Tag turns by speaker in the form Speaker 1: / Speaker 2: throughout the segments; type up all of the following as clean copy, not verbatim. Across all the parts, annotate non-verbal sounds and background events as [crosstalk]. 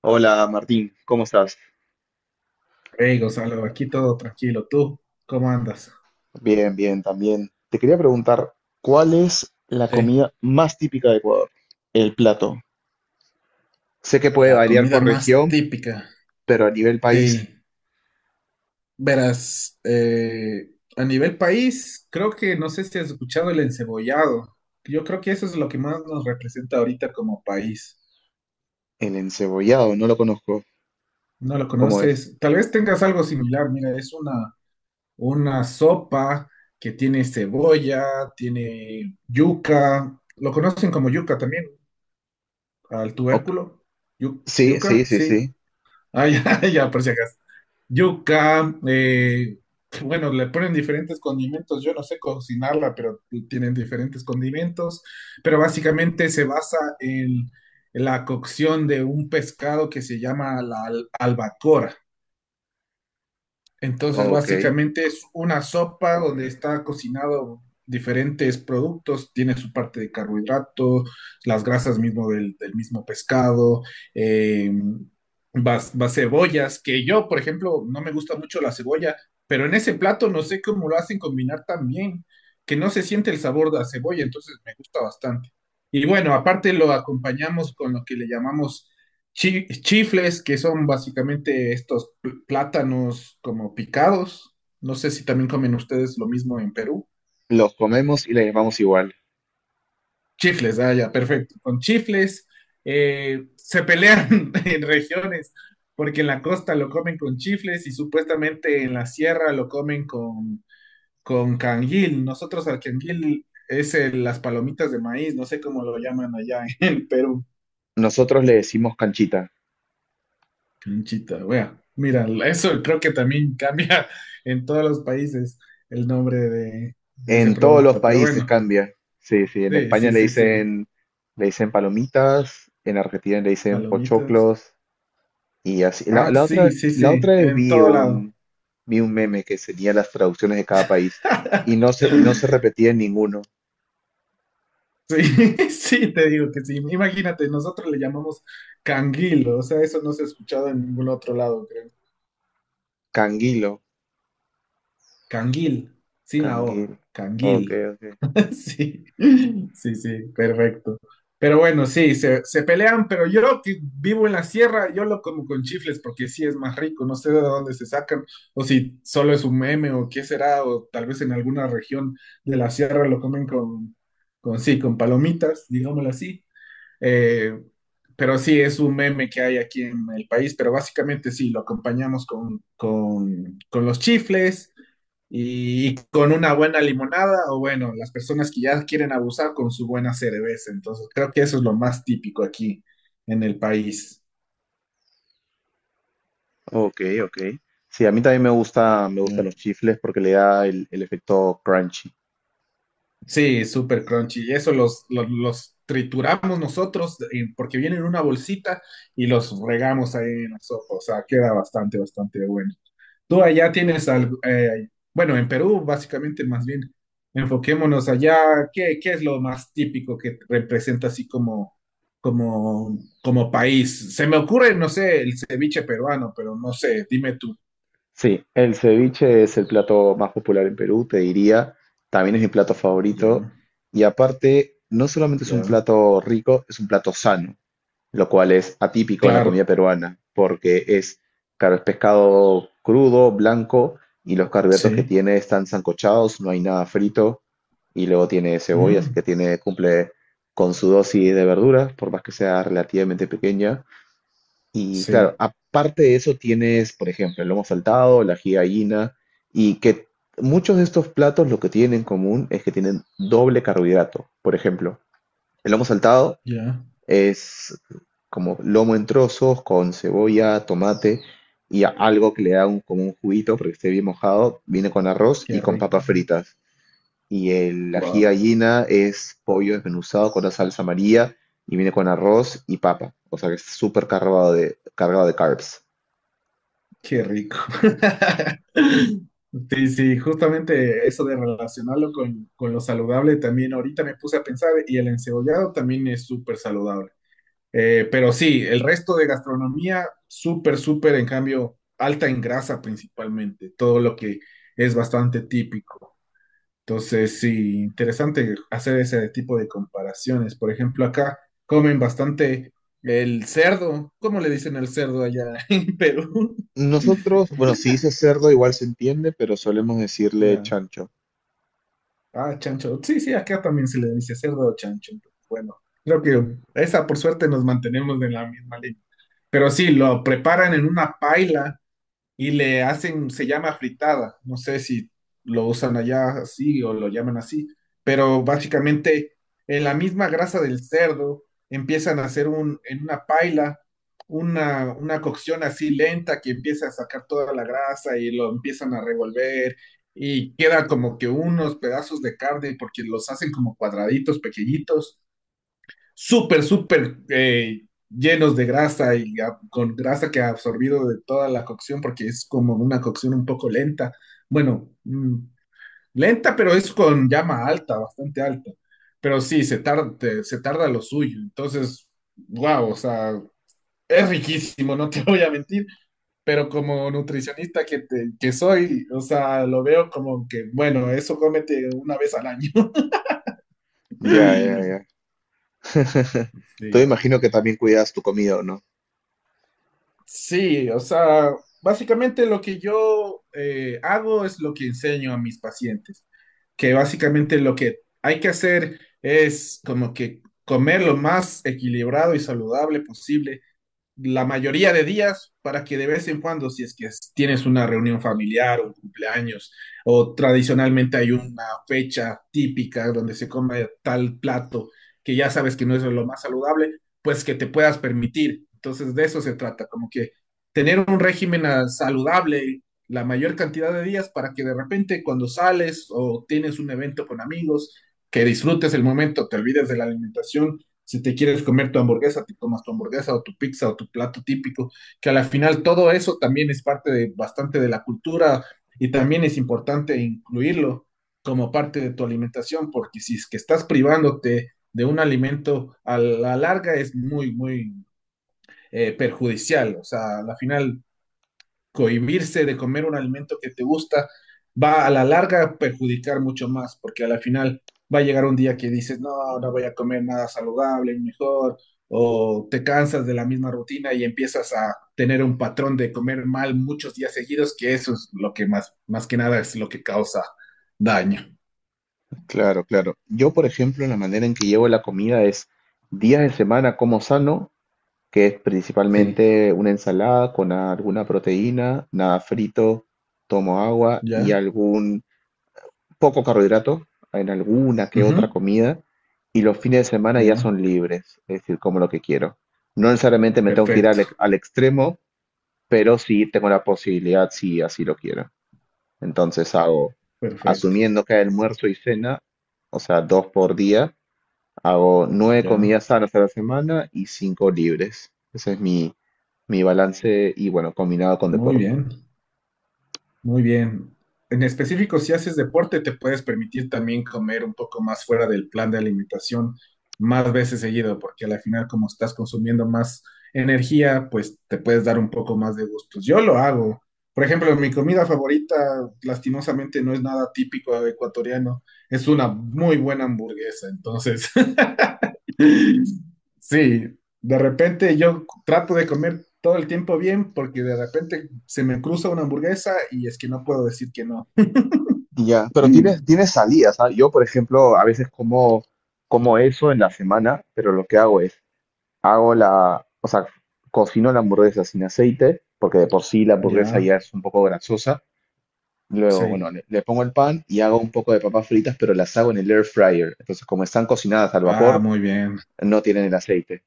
Speaker 1: Hola Martín, ¿cómo estás?
Speaker 2: Hey Gonzalo, aquí todo tranquilo. ¿Tú cómo andas?
Speaker 1: Bien, bien, también. Te quería preguntar, ¿cuál es la
Speaker 2: Sí,
Speaker 1: comida más típica de Ecuador? El plato. Sé que puede
Speaker 2: la
Speaker 1: variar
Speaker 2: comida
Speaker 1: por
Speaker 2: más
Speaker 1: región,
Speaker 2: típica.
Speaker 1: pero a nivel país,
Speaker 2: Sí, verás, a nivel país, creo que no sé si has escuchado el encebollado. Yo creo que eso es lo que más nos representa ahorita como país.
Speaker 1: el encebollado, no lo conozco.
Speaker 2: ¿No lo
Speaker 1: ¿Cómo es?
Speaker 2: conoces? Tal vez tengas algo similar. Mira, es una sopa que tiene cebolla, tiene yuca. Lo conocen como yuca también, al
Speaker 1: Ok.
Speaker 2: tubérculo. Yu-
Speaker 1: Sí, sí,
Speaker 2: yuca,
Speaker 1: sí,
Speaker 2: sí.
Speaker 1: sí.
Speaker 2: Ah, ya, [laughs] ya, por si acaso. Yuca, bueno, le ponen diferentes condimentos. Yo no sé cocinarla, pero tienen diferentes condimentos. Pero básicamente se basa en la cocción de un pescado que se llama la albacora. Entonces,
Speaker 1: Ok.
Speaker 2: básicamente es una sopa donde está cocinado diferentes productos, tiene su parte de carbohidrato, las grasas mismo del mismo pescado, eh, vas cebollas, que yo, por ejemplo, no me gusta mucho la cebolla, pero en ese plato no sé cómo lo hacen combinar tan bien, que no se siente el sabor de la cebolla, entonces me gusta bastante. Y bueno, aparte lo acompañamos con lo que le llamamos chifles, que son básicamente estos plátanos como picados. No sé si también comen ustedes lo mismo en Perú.
Speaker 1: Los comemos y le llamamos igual.
Speaker 2: Chifles, ah, ya, perfecto. Con chifles se pelean [laughs] en regiones, porque en la costa lo comen con chifles y supuestamente en la sierra lo comen con, canguil. Nosotros al canguil es las palomitas de maíz, no sé cómo lo llaman allá [laughs] en Perú.
Speaker 1: Nosotros le decimos canchita.
Speaker 2: Canchita, wea. Mira, eso creo que también [laughs] cambia en todos los países el nombre de ese
Speaker 1: En todos los
Speaker 2: producto. Pero
Speaker 1: países
Speaker 2: bueno,
Speaker 1: cambia. Sí, sí. En
Speaker 2: sí,
Speaker 1: España
Speaker 2: sí, sí, sí.
Speaker 1: le dicen palomitas, en Argentina le dicen
Speaker 2: Palomitas.
Speaker 1: pochoclos. Y así, la,
Speaker 2: Ah,
Speaker 1: la
Speaker 2: sí,
Speaker 1: otra,
Speaker 2: sí,
Speaker 1: la
Speaker 2: sí.
Speaker 1: otra vez
Speaker 2: En todo lado.
Speaker 1: vi un meme que tenía las traducciones de cada país y
Speaker 2: [laughs]
Speaker 1: no se repetía en ninguno.
Speaker 2: Sí, [laughs] sí, te digo que sí. Imagínate, nosotros le llamamos canguil, o sea, eso no se ha escuchado en ningún otro lado, creo.
Speaker 1: Canguilo,
Speaker 2: Canguil, sin la
Speaker 1: canguil.
Speaker 2: O,
Speaker 1: Ok,
Speaker 2: canguil.
Speaker 1: ok.
Speaker 2: [laughs] Sí, sí, sí, perfecto. Pero bueno, sí, se pelean, pero yo que vivo en la sierra, yo lo como con chifles porque sí es más rico, no sé de dónde se sacan, o si solo es un meme o qué será, o tal vez en alguna región de la sierra lo comen con, sí, con palomitas, digámoslo así. Eh, pero sí, es un meme que hay aquí en el país, pero básicamente sí, lo acompañamos con los chifles y con una buena limonada, o bueno, las personas que ya quieren abusar con su buena cerveza. Entonces, creo que eso es lo más típico aquí en el país.
Speaker 1: Ok, ok. Sí, a mí también me gusta, me gustan
Speaker 2: Yeah.
Speaker 1: los chifles porque le da el efecto crunchy.
Speaker 2: Sí, súper crunchy. Y eso los trituramos nosotros porque vienen en una bolsita y los regamos ahí en la sopa. O sea, queda bastante, bastante bueno. Tú allá tienes algo, bueno, en Perú básicamente más bien, enfoquémonos allá, ¿qué es lo más típico que representa así como país? Se me ocurre, no sé, el ceviche peruano, pero no sé, dime tú.
Speaker 1: Sí, el ceviche es el plato más popular en Perú, te diría. También es mi plato favorito.
Speaker 2: Ya,
Speaker 1: Y aparte, no solamente es un
Speaker 2: ya,
Speaker 1: plato rico, es un plato sano, lo cual es atípico en la
Speaker 2: claro,
Speaker 1: comida peruana, porque es, claro, es pescado crudo, blanco, y los carbohidratos que
Speaker 2: sí,
Speaker 1: tiene están sancochados, no hay nada frito, y luego tiene cebolla, así que
Speaker 2: mm,
Speaker 1: tiene, cumple con su dosis de verduras, por más que sea relativamente pequeña. Y claro,
Speaker 2: sí,
Speaker 1: aparte de eso tienes, por ejemplo, el lomo saltado, la ají de gallina, y que muchos de estos platos lo que tienen en común es que tienen doble carbohidrato. Por ejemplo, el lomo saltado
Speaker 2: ya,
Speaker 1: es como lomo en trozos con cebolla, tomate y algo que le da un, como un juguito porque esté bien mojado. Viene con arroz y
Speaker 2: qué
Speaker 1: con papas
Speaker 2: rico,
Speaker 1: fritas. Y el ají
Speaker 2: wow.
Speaker 1: gallina es pollo desmenuzado con la salsa amarilla y viene con arroz y papa. O sea que es súper cargado de carbs.
Speaker 2: Qué rico. [laughs] Sí, sí, justamente eso de relacionarlo con lo saludable también ahorita me puse a pensar y el encebollado también es súper saludable. Pero sí, el resto de gastronomía, súper, súper, en cambio, alta en grasa principalmente, todo lo que es bastante típico. Entonces, sí, interesante hacer ese tipo de comparaciones. Por ejemplo, acá comen bastante el cerdo. ¿Cómo le dicen al cerdo allá [laughs] en Perú?
Speaker 1: Nosotros, bueno, si dice cerdo igual se entiende, pero solemos decirle
Speaker 2: Ya.
Speaker 1: chancho.
Speaker 2: Ah, chancho. Sí, sí, acá también se le dice cerdo o chancho. Bueno, creo que esa por suerte nos mantenemos en la misma línea. Pero sí, lo preparan en una paila y le hacen, se llama fritada, no sé si lo usan allá así o lo llaman así, pero básicamente en la misma grasa del cerdo empiezan a hacer en una paila una cocción así lenta que empieza a sacar toda la grasa y lo empiezan a revolver y queda como que unos pedazos de carne porque los hacen como cuadraditos pequeñitos súper, súper llenos de grasa y con grasa que ha absorbido de toda la cocción, porque es como una cocción un poco lenta. Bueno, lenta, pero es con llama alta, bastante alta. Pero sí, se tarda, se tarda lo suyo. Entonces, wow, o sea, es riquísimo, no te [laughs] voy a mentir. Pero como nutricionista que soy, o sea, lo veo como que, bueno, eso cómete una vez al año.
Speaker 1: Ya, ya,
Speaker 2: [laughs]
Speaker 1: ya. [laughs] Tú
Speaker 2: Sí.
Speaker 1: imagino que también cuidas tu comida, ¿o no?
Speaker 2: Sí, o sea, básicamente lo que yo hago es lo que enseño a mis pacientes, que básicamente lo que hay que hacer es como que comer lo más equilibrado y saludable posible la mayoría de días para que de vez en cuando, si es que tienes una reunión familiar, un cumpleaños, o tradicionalmente hay una fecha típica donde se come tal plato que ya sabes que no es lo más saludable, pues que te puedas permitir. Entonces de eso se trata, como que tener un régimen saludable la mayor cantidad de días para que de repente cuando sales o tienes un evento con amigos, que disfrutes el momento, te olvides de la alimentación si te quieres comer tu hamburguesa, te tomas tu hamburguesa o tu pizza o tu plato típico, que a la final todo eso también es parte de bastante de la cultura y también es importante incluirlo como parte de tu alimentación, porque si es que estás privándote de un alimento a la larga es muy, muy perjudicial. O sea, a la final cohibirse de comer un alimento que te gusta va a la larga a perjudicar mucho más, porque a la final va a llegar un día que dices, no, no voy a comer nada saludable, mejor, o te cansas de la misma rutina y empiezas a tener un patrón de comer mal muchos días seguidos, que eso es lo que más, más que nada es lo que causa daño.
Speaker 1: Claro, claro. Yo, por ejemplo, la manera en que llevo la comida es: días de semana como sano, que es
Speaker 2: Sí,
Speaker 1: principalmente una ensalada con alguna proteína, nada frito, tomo agua y
Speaker 2: ya.
Speaker 1: algún poco carbohidrato en alguna que otra
Speaker 2: Ujú,
Speaker 1: comida. Y los fines de semana ya
Speaker 2: ya.
Speaker 1: son libres, es decir, como lo que quiero. No necesariamente me tengo que ir al,
Speaker 2: Perfecto,
Speaker 1: al extremo, pero sí tengo la posibilidad si así lo quiero. Entonces hago,
Speaker 2: perfecto.
Speaker 1: asumiendo que hay almuerzo y cena, o sea, dos por día, hago nueve
Speaker 2: Ya.
Speaker 1: comidas sanas a la semana y 5 libres. Ese es mi, mi balance y bueno, combinado con
Speaker 2: Muy
Speaker 1: deporte.
Speaker 2: bien. Muy bien. En específico, si haces deporte, te puedes permitir también comer un poco más fuera del plan de alimentación más veces seguido, porque al final, como estás consumiendo más energía, pues te puedes dar un poco más de gustos. Yo lo hago. Por ejemplo, mi comida favorita, lastimosamente, no es nada típico ecuatoriano. Es una muy buena hamburguesa. Entonces, [laughs] sí, de repente yo trato de comer todo el tiempo bien porque de repente se me cruza una hamburguesa y es que no puedo decir que no.
Speaker 1: Ya, pero tienes,
Speaker 2: Mm.
Speaker 1: tienes salidas, ¿ah? Yo, por ejemplo, a veces como, como eso en la semana, pero lo que hago es, hago la, o sea, cocino la hamburguesa sin aceite, porque de por sí la hamburguesa
Speaker 2: Ya,
Speaker 1: ya es un poco grasosa. Luego, bueno,
Speaker 2: sí.
Speaker 1: le pongo el pan y hago un poco de papas fritas, pero las hago en el air fryer. Entonces, como están cocinadas al
Speaker 2: Ah,
Speaker 1: vapor,
Speaker 2: muy bien.
Speaker 1: no tienen el aceite.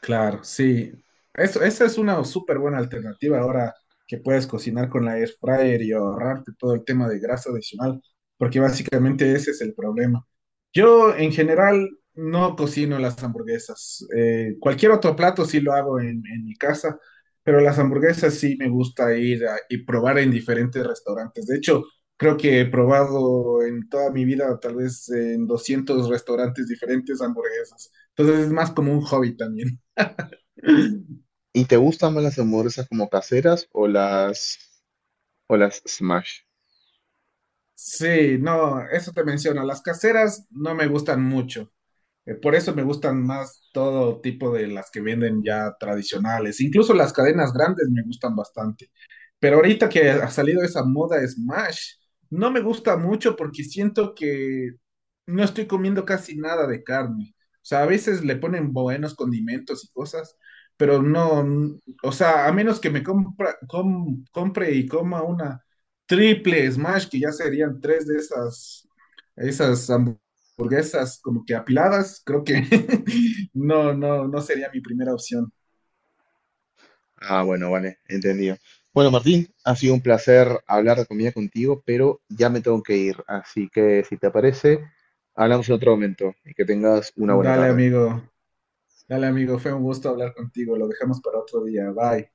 Speaker 2: Claro, sí. Eso, esa es una súper buena alternativa ahora que puedes cocinar con la air fryer y ahorrarte todo el tema de grasa adicional, porque básicamente ese es el problema. Yo en general no cocino las hamburguesas. Cualquier otro plato sí lo hago en mi casa, pero las hamburguesas sí me gusta ir y probar en diferentes restaurantes. De hecho, creo que he probado en toda mi vida tal vez en 200 restaurantes diferentes hamburguesas. Entonces es más como un hobby también.
Speaker 1: ¿Y te gustan más las hamburguesas como caseras o las smash?
Speaker 2: Sí, no, eso te menciono. Las caseras no me gustan mucho. Por eso me gustan más todo tipo de las que venden ya tradicionales. Incluso las cadenas grandes me gustan bastante. Pero ahorita que ha salido esa moda Smash, no me gusta mucho porque siento que no estoy comiendo casi nada de carne. O sea, a veces le ponen buenos condimentos y cosas, pero no, o sea, a menos que me compre y coma una triple Smash, que ya serían tres de esas hamburguesas como que apiladas, creo que [laughs] no, no, no sería mi primera opción.
Speaker 1: Ah, bueno, vale, entendido. Bueno, Martín, ha sido un placer hablar de comida contigo, pero ya me tengo que ir, así que si te parece, hablamos en otro momento y que tengas una buena
Speaker 2: Dale,
Speaker 1: tarde.
Speaker 2: amigo. Dale, amigo, fue un gusto hablar contigo. Lo dejamos para otro día. Bye.